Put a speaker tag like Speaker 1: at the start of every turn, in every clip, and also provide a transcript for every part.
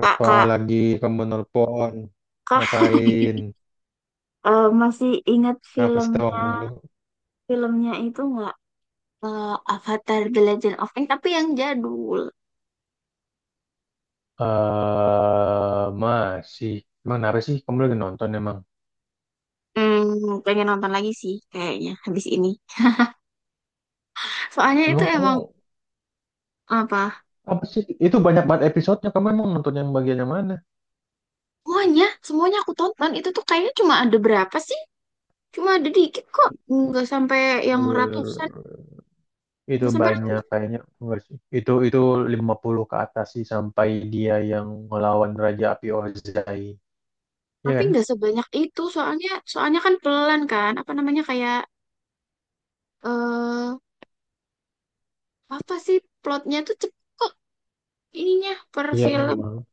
Speaker 1: Kak,
Speaker 2: Apa
Speaker 1: Kak,
Speaker 2: lagi kamu nelpon?
Speaker 1: Kak,
Speaker 2: Ngapain?
Speaker 1: eh, masih ingat
Speaker 2: Apa
Speaker 1: film
Speaker 2: sih tahu mulu?
Speaker 1: filmnya itu, nggak Eh, Avatar The Legend of Aang, tapi yang jadul.
Speaker 2: Eh, masih. Emang kenapa sih? Kamu lagi nonton emang?
Speaker 1: Pengen nonton lagi sih kayaknya habis ini. Soalnya itu
Speaker 2: Emang kamu
Speaker 1: emang apa?
Speaker 2: apa sih? Itu banyak banget episodenya. Kamu emang nonton yang bagian yang mana?
Speaker 1: Semuanya, semuanya aku tonton itu tuh kayaknya cuma ada berapa sih? Cuma ada dikit kok, nggak sampai yang ratusan,
Speaker 2: Eh, itu
Speaker 1: nggak sampai
Speaker 2: banyak
Speaker 1: ratusan.
Speaker 2: kayaknya enggak sih. Itu 50 ke atas sih sampai dia yang ngelawan Raja Api Ozai. Iya
Speaker 1: Tapi
Speaker 2: kan?
Speaker 1: nggak sebanyak itu soalnya, soalnya kan pelan kan, apa namanya kayak eh apa sih plotnya tuh cepet kok ininya per
Speaker 2: Iya
Speaker 1: film.
Speaker 2: emang.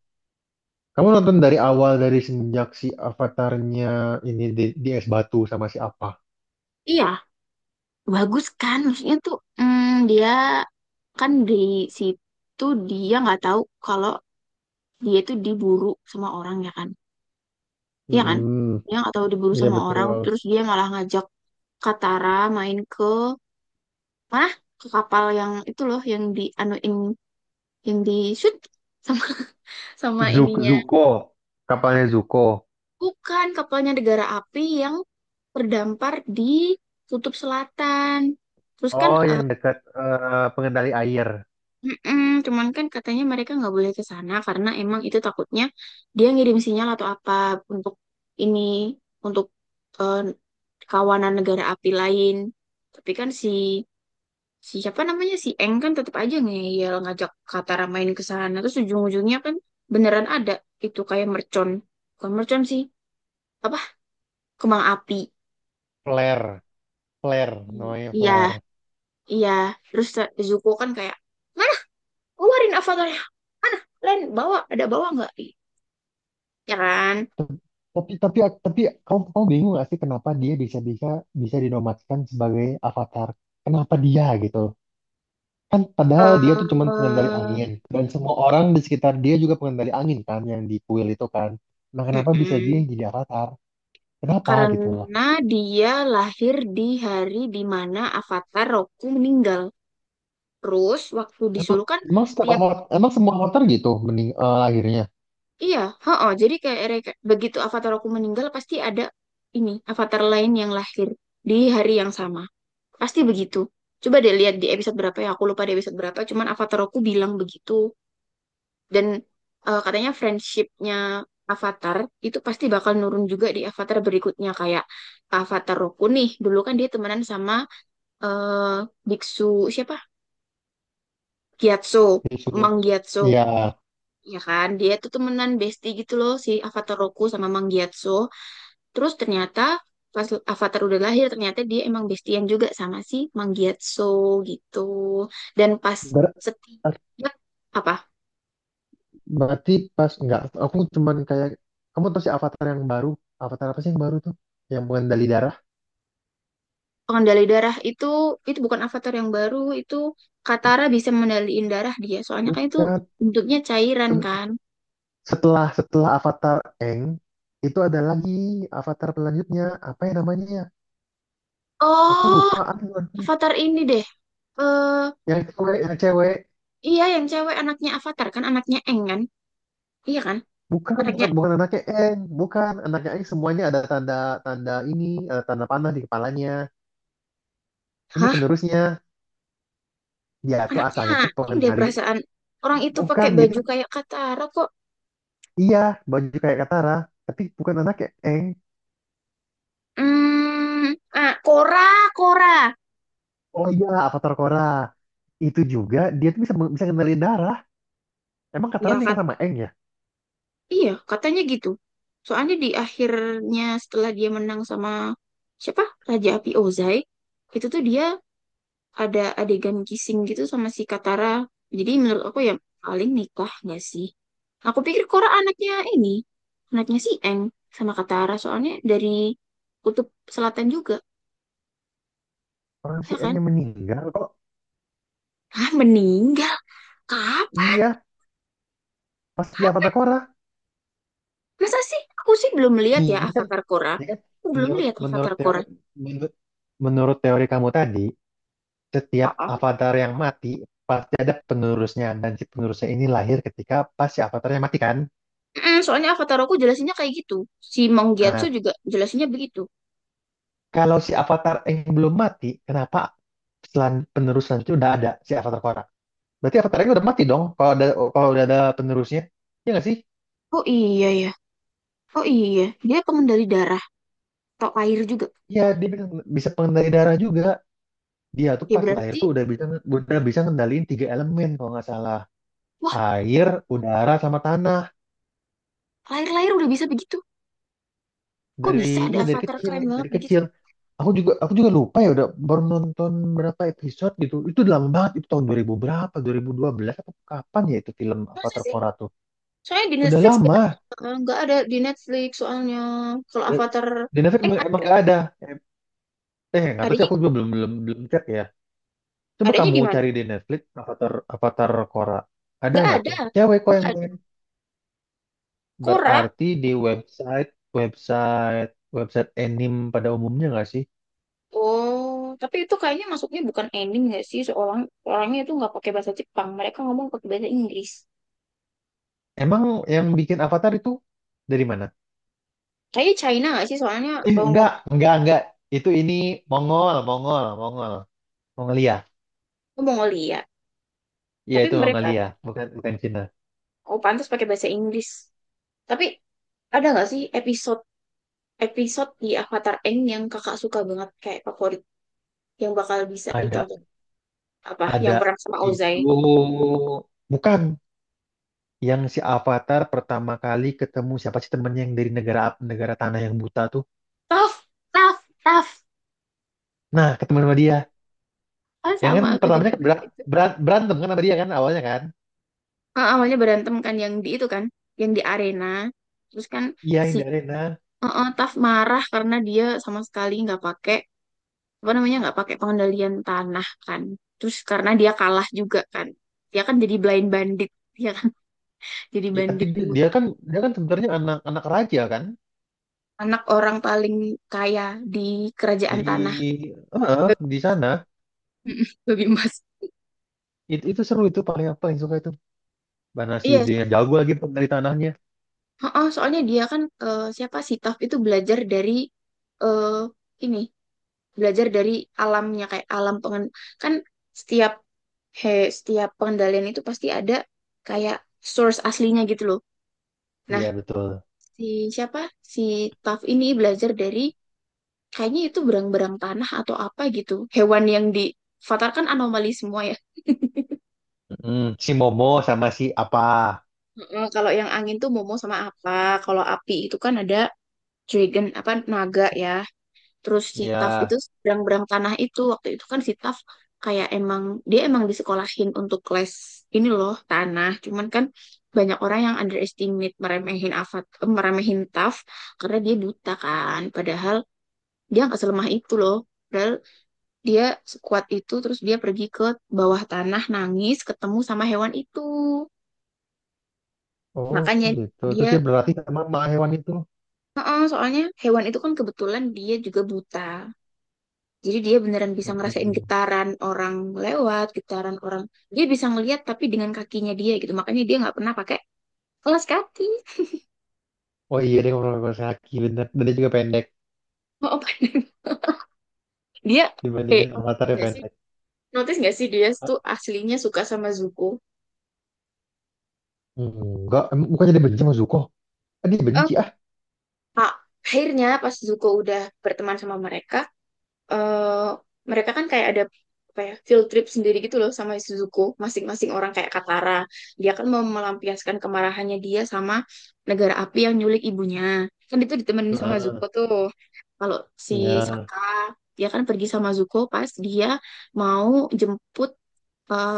Speaker 2: Kamu nonton dari awal dari semenjak si avatarnya ini di es batu sama si apa?
Speaker 1: Iya, bagus kan maksudnya tuh dia kan di situ dia nggak tahu kalau dia tuh diburu sama orang, ya kan? Iya kan,
Speaker 2: Mm-mm.
Speaker 1: dia nggak tahu diburu
Speaker 2: Iya
Speaker 1: sama orang
Speaker 2: betul.
Speaker 1: terus dia malah ngajak Katara main ke mana, ke kapal yang itu loh yang di anuin, yang di shoot sama sama
Speaker 2: Zuk
Speaker 1: ininya,
Speaker 2: Zuko, kapalnya Zuko.
Speaker 1: bukan kapalnya negara api yang terdampar di Kutub Selatan. Terus kan
Speaker 2: Oh, yang dekat pengendali air.
Speaker 1: mm-mm, cuman kan katanya mereka nggak boleh ke sana karena emang itu takutnya dia ngirim sinyal atau apa untuk ini untuk eh, kawanan negara api lain. Tapi kan si si siapa namanya si Eng kan tetap aja ngeyel ngajak Katara main ke sana. Terus ujung-ujungnya kan beneran ada itu kayak mercon. Bukan mercon sih. Apa? Kembang api.
Speaker 2: Flare, flare,
Speaker 1: Hmm.
Speaker 2: namanya
Speaker 1: Iya,
Speaker 2: flare.
Speaker 1: iya. Terus Zuko kan kayak, mana? Keluarin avatarnya. Mana? Len, bawa. Ada bawa nggak? Ya kan?
Speaker 2: Tep- Tapi tapi tapi kamu kamu bingung gak sih kenapa dia bisa bisa bisa dinobatkan sebagai avatar? Kenapa dia gitu? Kan padahal dia tuh cuman pengendali
Speaker 1: eh
Speaker 2: angin dan semua orang di sekitar dia juga pengendali angin kan yang di kuil itu kan. Nah, kenapa bisa dia
Speaker 1: mm-mm.
Speaker 2: yang jadi avatar? Kenapa gitu.
Speaker 1: Karena dia lahir di hari di mana Avatar Roku meninggal. Terus waktu
Speaker 2: Emang,
Speaker 1: disuruh kan
Speaker 2: emang setiap
Speaker 1: tiap,
Speaker 2: emang semua motor gitu lahirnya
Speaker 1: iya, heeh, jadi kayak begitu Avatar Roku meninggal pasti ada ini Avatar lain yang lahir di hari yang sama. Pasti begitu. Coba deh lihat di episode berapa ya, aku lupa di episode berapa, cuman Avatar Roku bilang begitu. Dan katanya friendshipnya Avatar itu pasti bakal nurun juga di Avatar berikutnya kayak Avatar Roku nih. Dulu kan dia temenan sama eh, biksu siapa? Gyatso,
Speaker 2: disuruh.
Speaker 1: Mang Gyatso.
Speaker 2: Ya,
Speaker 1: Ya kan, dia tuh temenan bestie gitu loh si Avatar Roku sama Mang Gyatso. Terus ternyata pas Avatar udah lahir ternyata dia emang bestian juga sama si Mang Gyatso gitu. Dan pas
Speaker 2: ber-
Speaker 1: setiap apa?
Speaker 2: berarti pas enggak aku cuman kayak kamu tahu si avatar yang baru, avatar apa sih yang baru tuh? Yang mengendali darah?
Speaker 1: Pengendali darah itu bukan avatar yang baru. Itu Katara bisa mengendaliin darah dia soalnya kan itu
Speaker 2: Bukan.
Speaker 1: bentuknya cairan kan.
Speaker 2: Setelah setelah avatar Eng itu ada lagi avatar selanjutnya apa ya namanya ya? Aku
Speaker 1: Oh,
Speaker 2: lupa. Aduh, aduh.
Speaker 1: avatar ini deh, eh
Speaker 2: Yang cewek, yang cewek.
Speaker 1: iya yang cewek, anaknya avatar kan, anaknya Eng kan, iya kan,
Speaker 2: Bukan,
Speaker 1: anaknya.
Speaker 2: bukan, bukan anaknya Eng, bukan anaknya Eng semuanya ada tanda tanda ini, ada tanda panah di kepalanya. Ini
Speaker 1: Hah,
Speaker 2: penerusnya. Dia tuh
Speaker 1: anaknya
Speaker 2: asalnya tuh
Speaker 1: Eng
Speaker 2: pengen
Speaker 1: deh
Speaker 2: nari,
Speaker 1: perasaan, orang itu pakai
Speaker 2: bukan jadi
Speaker 1: baju kayak Katara kok.
Speaker 2: iya baju kayak Katara tapi bukan anak kayak Eng.
Speaker 1: Hmm, ah, Korra, Korra.
Speaker 2: Oh iya, Avatar Korra itu juga dia tuh bisa bisa ngendaliin darah. Emang Katara
Speaker 1: Ya.
Speaker 2: nikah sama Eng ya?
Speaker 1: Iya, katanya gitu. Soalnya di akhirnya setelah dia menang sama siapa? Raja Api Ozai, itu tuh dia ada adegan kissing gitu sama si Katara. Jadi menurut aku ya paling nikah nggak sih? Aku pikir Korra anaknya ini, anaknya si Eng sama Katara. Soalnya dari kutub selatan juga,
Speaker 2: Orang si
Speaker 1: ya
Speaker 2: Eng
Speaker 1: kan?
Speaker 2: yang meninggal kok.
Speaker 1: Ah, meninggal. Kapan?
Speaker 2: Iya pas di Avatar Korra.
Speaker 1: Masa sih? Aku sih belum lihat ya
Speaker 2: ini kan
Speaker 1: Avatar Korra.
Speaker 2: ini kan
Speaker 1: Aku belum
Speaker 2: menurut
Speaker 1: lihat
Speaker 2: menurut
Speaker 1: Avatar
Speaker 2: teori
Speaker 1: Korra.
Speaker 2: menurut menurut teori kamu tadi, setiap avatar yang mati pasti ada penerusnya dan si penerusnya ini lahir ketika pas si avatarnya mati kan.
Speaker 1: Mm, soalnya Avatarku jelasinnya kayak gitu. Si Manggiatsu
Speaker 2: Nah,
Speaker 1: juga jelasinnya begitu.
Speaker 2: kalau si avatar Aang belum mati, kenapa penerus selanjutnya udah ada si avatar Korra? Berarti avatar Aang udah mati dong kalau udah ada penerusnya. Iya nggak sih?
Speaker 1: Oh iya ya. Oh iya. Dia pengendali darah atau air juga.
Speaker 2: Iya, dia bisa, pengendali darah juga. Dia tuh
Speaker 1: Ya
Speaker 2: pas lahir
Speaker 1: berarti,
Speaker 2: tuh udah bisa ngendaliin tiga elemen kalau nggak salah.
Speaker 1: wah,
Speaker 2: Air, udara, sama tanah.
Speaker 1: lahir-lahir udah bisa begitu. Kok bisa
Speaker 2: Dari
Speaker 1: ada
Speaker 2: iya dari
Speaker 1: Avatar
Speaker 2: kecil,
Speaker 1: keren banget
Speaker 2: dari
Speaker 1: begitu?
Speaker 2: kecil. Aku juga lupa ya udah baru nonton berapa episode gitu. Itu udah lama banget, itu tahun 2000 berapa? 2012 atau kapan ya itu film
Speaker 1: Masa
Speaker 2: Avatar
Speaker 1: sih?
Speaker 2: Korra tuh?
Speaker 1: Soalnya di
Speaker 2: Udah
Speaker 1: Netflix nggak
Speaker 2: lama.
Speaker 1: nggak ada di Netflix soalnya kalau Avatar
Speaker 2: Di Netflix emang
Speaker 1: ada.
Speaker 2: nggak ada. Eh, nggak tahu sih
Speaker 1: Adanya,
Speaker 2: aku juga belum belum belum cek ya. Coba
Speaker 1: adanya
Speaker 2: kamu
Speaker 1: di mana?
Speaker 2: cari di Netflix Avatar Avatar Korra. Ada
Speaker 1: Nggak
Speaker 2: nggak
Speaker 1: ada.
Speaker 2: tuh? Cewek kok
Speaker 1: Nggak
Speaker 2: yang
Speaker 1: ada.
Speaker 2: main.
Speaker 1: Korra.
Speaker 2: Berarti di website website website anime pada umumnya nggak sih?
Speaker 1: Oh, tapi itu kayaknya masuknya bukan ending nggak sih? Seorang orangnya itu nggak pakai bahasa Jepang, mereka ngomong pakai bahasa Inggris.
Speaker 2: Emang yang bikin Avatar itu dari mana?
Speaker 1: Kayaknya China nggak sih? Soalnya
Speaker 2: Eh,
Speaker 1: kalau ngomong
Speaker 2: enggak, enggak. Itu ini Mongol, Mongol, Mongol, Mongolia.
Speaker 1: Mongolia.
Speaker 2: Iya,
Speaker 1: Tapi
Speaker 2: itu
Speaker 1: mereka,
Speaker 2: Mongolia, bukan bukan Cina.
Speaker 1: oh pantas pakai bahasa Inggris. Tapi ada nggak sih episode episode di Avatar Aang yang kakak suka banget kayak favorit, yang bakal bisa
Speaker 2: Ada,
Speaker 1: ditonton, apa yang
Speaker 2: ada.
Speaker 1: perang sama Ozai?
Speaker 2: Itu bukan. Yang si Avatar pertama kali ketemu siapa sih temennya yang dari negara negara tanah yang buta tuh.
Speaker 1: Tough, tough, tough.
Speaker 2: Nah, ketemu sama dia.
Speaker 1: Oh,
Speaker 2: Yang
Speaker 1: sama
Speaker 2: kan
Speaker 1: aku juga
Speaker 2: pertamanya kan
Speaker 1: suka itu.
Speaker 2: berantem kan sama dia kan awalnya kan.
Speaker 1: Ah, awalnya berantem kan yang di itu kan, yang di arena. Terus kan
Speaker 2: Iya,
Speaker 1: si
Speaker 2: yang dari nah.
Speaker 1: Taf marah karena dia sama sekali nggak pakai apa namanya, nggak pakai pengendalian tanah kan, terus karena dia kalah juga kan dia kan jadi blind bandit, dia kan jadi
Speaker 2: Ya, tapi
Speaker 1: bandit
Speaker 2: dia,
Speaker 1: bu,
Speaker 2: dia kan sebenarnya anak anak raja kan
Speaker 1: anak orang paling kaya di kerajaan tanah.
Speaker 2: di di
Speaker 1: Babi,
Speaker 2: sana.
Speaker 1: babi emas.
Speaker 2: Itu seru itu paling apa yang suka itu. Mana si
Speaker 1: Iya,
Speaker 2: dia yang jago lagi dari tanahnya.
Speaker 1: oh, soalnya dia kan siapa sih Taf itu belajar dari eh ini belajar dari alamnya kayak alam pengen kan setiap, he, setiap pengendalian itu pasti ada kayak source aslinya gitu loh. Nah,
Speaker 2: Iya, betul.
Speaker 1: si siapa si Taf ini belajar dari kayaknya itu berang-berang tanah atau apa gitu, hewan yang di Avatar kan anomali semua ya.
Speaker 2: Mm, si Momo sama si apa?
Speaker 1: Mm-mm, kalau yang angin tuh Momo sama apa, kalau api itu kan ada dragon apa naga ya, terus si
Speaker 2: Iya.
Speaker 1: Taf itu berang-berang tanah itu. Waktu itu kan si Taf kayak emang dia emang disekolahin untuk les ini loh tanah, cuman kan banyak orang yang underestimate, meremehin Avatar, meremehin Taf karena dia buta kan, padahal dia nggak selemah itu loh, padahal dia sekuat itu. Terus dia pergi ke bawah tanah nangis ketemu sama hewan itu,
Speaker 2: Oh,
Speaker 1: makanya
Speaker 2: gitu.
Speaker 1: dia,
Speaker 2: Terus dia berlatih sama sama hewan itu.
Speaker 1: heeh, soalnya hewan itu kan kebetulan dia juga buta jadi dia beneran bisa ngerasain
Speaker 2: Mm.
Speaker 1: getaran orang, lewat getaran orang dia bisa ngelihat tapi dengan kakinya dia gitu, makanya dia nggak pernah pakai kelas kaki.
Speaker 2: Oh iya deh ngomong sama Saki bener. Dan dia juga pendek
Speaker 1: Oh, dia, eh
Speaker 2: dibandingkan Avatar yang
Speaker 1: nggak sih
Speaker 2: pendek.
Speaker 1: notice nggak sih dia
Speaker 2: Ah,
Speaker 1: tuh aslinya suka sama Zuko.
Speaker 2: enggak, emang bukannya dia benci sama Zuko? Ah, dia benci
Speaker 1: Eh,
Speaker 2: ah.
Speaker 1: Pak, akhirnya pas Zuko udah berteman sama mereka, eh mereka kan kayak ada apa ya, field trip sendiri gitu loh sama Suzuko, masing-masing orang kayak Katara dia kan mau melampiaskan kemarahannya dia sama negara api yang nyulik ibunya kan, itu ditemenin sama Zuko
Speaker 2: Heeh.
Speaker 1: tuh. Kalau si
Speaker 2: Iya.
Speaker 1: Saka dia kan pergi sama Zuko pas dia mau jemput eh,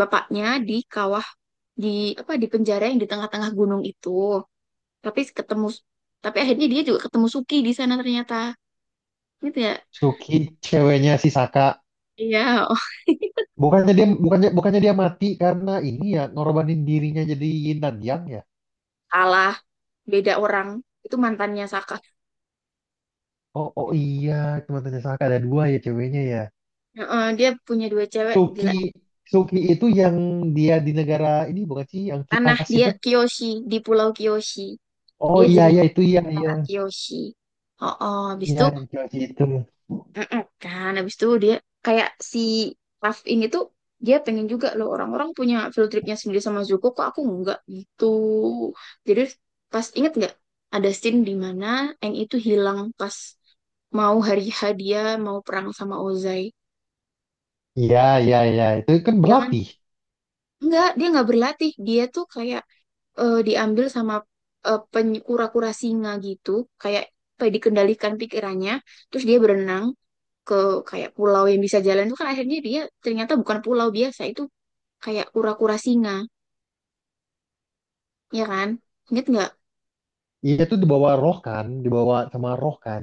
Speaker 1: bapaknya di kawah, di apa, di penjara yang di tengah-tengah gunung itu, tapi ketemu, tapi akhirnya dia juga ketemu Suki di sana ternyata, gitu ya.
Speaker 2: Suki ceweknya si Saka.
Speaker 1: Iya,
Speaker 2: Bukannya dia mati karena ini ya ngorbanin dirinya jadi yin dan yang ya.
Speaker 1: kalah, beda orang, itu mantannya Saka.
Speaker 2: Oh iya, cuma tanya Saka ada dua ya ceweknya ya.
Speaker 1: Heeh, dia punya dua cewek gila.
Speaker 2: Suki Suki itu yang dia di negara ini bukan sih yang
Speaker 1: Tanah,
Speaker 2: kipas
Speaker 1: dia
Speaker 2: itu?
Speaker 1: kyoshi, di Pulau kyoshi,
Speaker 2: Oh
Speaker 1: dia
Speaker 2: iya
Speaker 1: jadi
Speaker 2: iya itu iya iya.
Speaker 1: tentara Kiyoshi. Oh habis
Speaker 2: Iya,
Speaker 1: itu,
Speaker 2: yang kipas itu.
Speaker 1: heeh, kan habis itu dia kayak si Raf ini tuh dia pengen juga loh, orang-orang punya field tripnya sendiri sama Zuko kok aku enggak gitu, jadi pas inget nggak ada scene di mana Aang itu hilang pas mau hari hadiah mau perang sama Ozai.
Speaker 2: Iya, iya, iya. Itu kan
Speaker 1: Dia kan,
Speaker 2: berlatih.
Speaker 1: enggak, dia nggak berlatih. Dia tuh kayak, diambil sama kura-kura singa gitu, kayak apa ya, dikendalikan pikirannya. Terus dia berenang ke kayak pulau yang bisa jalan itu, kan akhirnya dia ternyata bukan pulau biasa, itu kayak kura-kura singa, ya kan? Ingat nggak?
Speaker 2: Iya tuh dibawa roh kan, dibawa sama roh kan.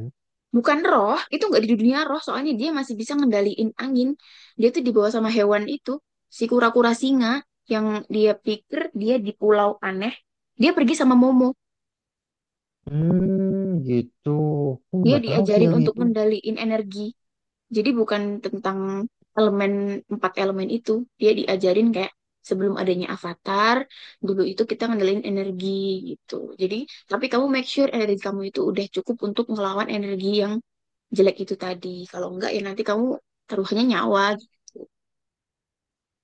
Speaker 1: Bukan roh, itu nggak di dunia roh, soalnya dia masih bisa ngendaliin angin. Dia tuh dibawa sama hewan itu, si kura-kura singa, yang dia pikir dia di pulau aneh. Dia pergi sama Momo.
Speaker 2: Hmm, gitu. Aku
Speaker 1: Dia
Speaker 2: nggak tahu sih
Speaker 1: diajarin
Speaker 2: yang
Speaker 1: untuk
Speaker 2: itu.
Speaker 1: ngendaliin energi. Jadi bukan tentang elemen empat elemen itu, dia diajarin kayak sebelum adanya avatar, dulu itu kita ngendaliin energi gitu. Jadi, tapi kamu make sure energi kamu itu udah cukup untuk ngelawan energi yang jelek itu tadi. Kalau enggak ya nanti kamu taruhannya nyawa gitu.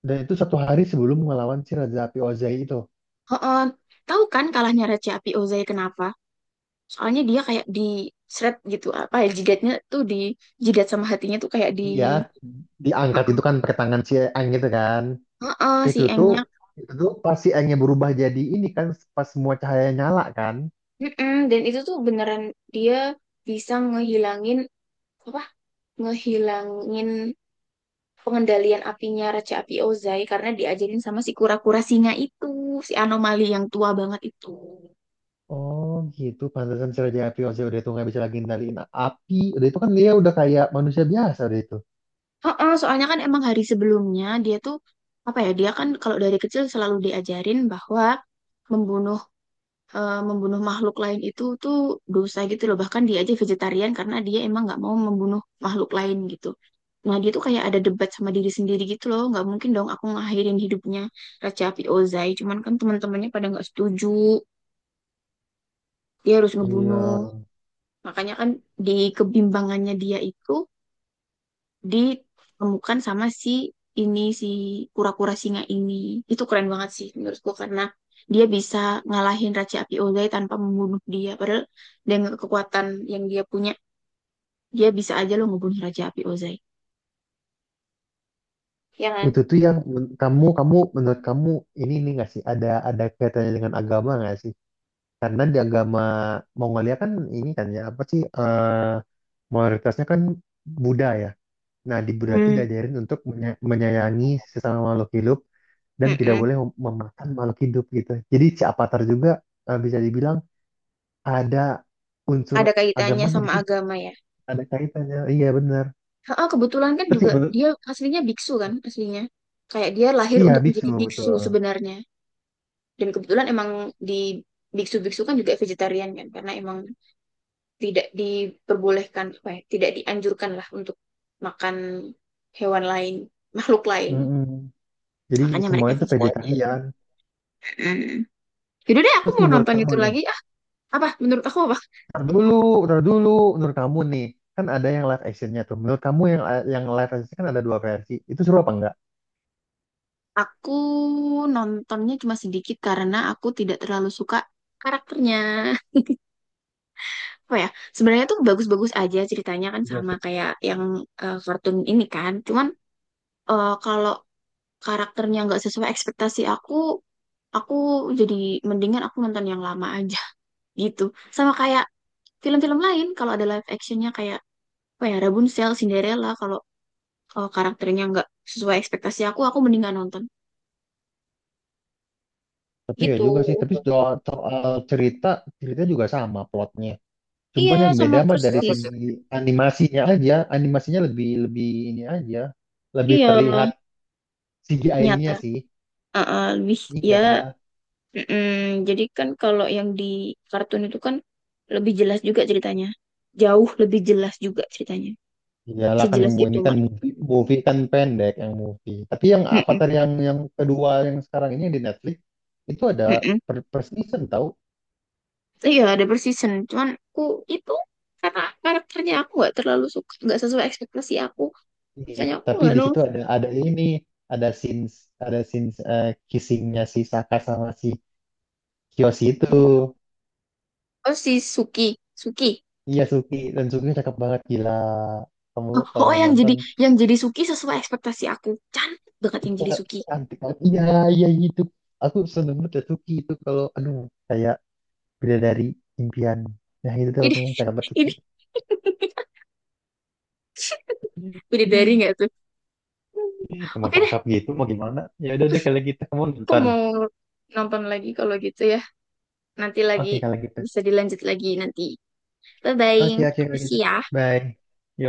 Speaker 2: Dan itu satu hari sebelum melawan si Raja Api Ozai itu.
Speaker 1: Oh, tahu kan kalahnya Raja Api Ozai kenapa? Soalnya dia kayak di seret gitu, apa ya, jidatnya tuh di jidat sama hatinya tuh kayak di,
Speaker 2: Iya, diangkat
Speaker 1: heeh,
Speaker 2: itu kan pakai tangan si Aang gitu kan.
Speaker 1: heeh, si
Speaker 2: Itu tuh,
Speaker 1: Engnya.
Speaker 2: itu tuh pas si Aangnya berubah jadi ini kan, pas semua cahaya nyala kan.
Speaker 1: Mm-mm, dan itu tuh beneran dia bisa ngehilangin apa? Ngehilangin pengendalian apinya Raja Api Ozai karena diajarin sama si kura-kura singa itu, si anomali yang tua banget itu.
Speaker 2: Oh gitu, pantesan si Raja Api Ozai udah itu nggak bisa lagi ngendaliin api. Udah itu kan dia udah kayak manusia biasa udah itu.
Speaker 1: Heeh, soalnya kan emang hari sebelumnya dia tuh apa ya? Dia kan kalau dari kecil selalu diajarin bahwa membunuh, membunuh makhluk lain itu tuh dosa gitu loh. Bahkan dia aja vegetarian karena dia emang nggak mau membunuh makhluk lain gitu. Nah dia tuh kayak ada debat sama diri sendiri gitu loh. Nggak mungkin dong aku ngakhirin hidupnya Raja api Ozai. Cuman kan teman-temannya pada nggak setuju. Dia harus
Speaker 2: Iya,
Speaker 1: ngebunuh. Makanya kan di kebimbangannya dia itu ditemukan sama si kura-kura singa ini. Itu keren banget sih menurutku karena dia bisa ngalahin Raja Api Ozai tanpa membunuh dia. Padahal dengan kekuatan yang dia punya, dia bisa aja loh ngebunuh Raja Api Ozai. Ya kan?
Speaker 2: itu tuh yang kamu kamu menurut kamu ini nggak sih ada kaitannya dengan agama nggak sih? Karena di agama Mongolia kan ini kan ya apa sih mayoritasnya kan Buddha ya. Nah di Buddha itu
Speaker 1: Hmm.
Speaker 2: diajarin untuk menyayangi sesama makhluk hidup dan tidak
Speaker 1: Mm-mm.
Speaker 2: boleh memakan makhluk hidup gitu. Jadi si Avatar juga bisa dibilang ada unsur
Speaker 1: Ada kaitannya
Speaker 2: agamanya di
Speaker 1: sama
Speaker 2: situ.
Speaker 1: agama ya.
Speaker 2: Ada kaitannya. Iya benar.
Speaker 1: Heeh, kebetulan kan
Speaker 2: Terus
Speaker 1: juga dia aslinya biksu kan aslinya. Kayak dia lahir
Speaker 2: iya
Speaker 1: untuk
Speaker 2: biksu
Speaker 1: menjadi biksu
Speaker 2: betul.
Speaker 1: sebenarnya. Dan kebetulan emang di biksu-biksu kan juga vegetarian kan karena emang tidak diperbolehkan apa ya, tidak dianjurkan lah untuk makan hewan lain, makhluk lain,
Speaker 2: Mm-mm. Jadi
Speaker 1: makanya mereka
Speaker 2: semuanya itu
Speaker 1: vegetarian.
Speaker 2: vegetarian.
Speaker 1: Hmm. Yaudah deh, aku
Speaker 2: Terus
Speaker 1: mau
Speaker 2: menurut
Speaker 1: nonton
Speaker 2: kamu
Speaker 1: itu
Speaker 2: nih,
Speaker 1: lagi. Ah, apa? Menurut aku apa?
Speaker 2: tar dulu, tar dulu, menurut kamu nih, kan ada yang live actionnya tuh. Menurut kamu yang live action kan ada dua versi. Itu seru apa enggak?
Speaker 1: Aku nontonnya cuma sedikit karena aku tidak terlalu suka karakternya. Apa ya? Sebenarnya tuh bagus-bagus aja ceritanya kan
Speaker 2: Juga
Speaker 1: sama
Speaker 2: seru.
Speaker 1: kayak yang kartun ini kan. Cuman kalau karakternya nggak sesuai ekspektasi aku jadi mendingan aku nonton yang lama aja gitu, sama kayak film-film lain kalau ada live actionnya kayak apa ya, Rapunzel, Cinderella, kalau kalau karakternya nggak sesuai ekspektasi aku mendingan nonton
Speaker 2: Tapi ya
Speaker 1: gitu.
Speaker 2: juga sih, tapi soal cerita, cerita juga sama plotnya.
Speaker 1: Iya
Speaker 2: Cuman yang
Speaker 1: sama
Speaker 2: beda mah dari
Speaker 1: persis.
Speaker 2: segi animasinya aja, animasinya lebih lebih ini aja, lebih
Speaker 1: Iya
Speaker 2: terlihat CGI-nya
Speaker 1: nyata.
Speaker 2: sih.
Speaker 1: Uh-uh, lebih ya,
Speaker 2: Iya.
Speaker 1: mm-mm. Jadi kan kalau yang di kartun itu kan lebih jelas juga ceritanya, jauh lebih jelas juga ceritanya,
Speaker 2: Iyalah kan
Speaker 1: sejelas itu
Speaker 2: ini kan
Speaker 1: malah.
Speaker 2: movie, movie kan pendek yang movie. Tapi yang
Speaker 1: Mm-mm,
Speaker 2: Avatar yang kedua yang sekarang ini yang di Netflix itu ada
Speaker 1: mm-mm.
Speaker 2: per season tahu.
Speaker 1: Iya, ada per season. Cuman aku itu karena karakternya aku nggak terlalu suka, nggak sesuai ekspektasi aku.
Speaker 2: Iya,
Speaker 1: Makanya aku
Speaker 2: tapi
Speaker 1: nggak
Speaker 2: di situ
Speaker 1: nonton.
Speaker 2: ada scenes ada scenes kissingnya si Saka sama si Kyoshi itu.
Speaker 1: Oh, si Suki, Suki.
Speaker 2: Iya Suki dan Suki cakep banget gila. Kamu
Speaker 1: Oh,
Speaker 2: kalau
Speaker 1: oh,
Speaker 2: nggak
Speaker 1: yang jadi,
Speaker 2: nonton
Speaker 1: yang jadi Suki sesuai ekspektasi aku. Cantik banget
Speaker 2: itu
Speaker 1: yang jadi
Speaker 2: sangat
Speaker 1: Suki.
Speaker 2: cantik banget. Iya iya itu. Aku seneng banget ya Suki itu kalau aduh kayak beda dari impian. Nah itu tuh
Speaker 1: Ini
Speaker 2: pokoknya cakep banget Suki.
Speaker 1: ini bidadari nggak tuh? Hmm.
Speaker 2: Emang
Speaker 1: Oke deh,
Speaker 2: cakep gitu mau gimana? Ya udah deh kalau gitu kamu
Speaker 1: aku
Speaker 2: nonton.
Speaker 1: mau nonton lagi kalau gitu ya. Nanti lagi
Speaker 2: Oke kalau gitu.
Speaker 1: bisa dilanjut lagi nanti. Bye bye.
Speaker 2: Oke oke kalau
Speaker 1: Makasih
Speaker 2: gitu.
Speaker 1: ya.
Speaker 2: Bye. Yo.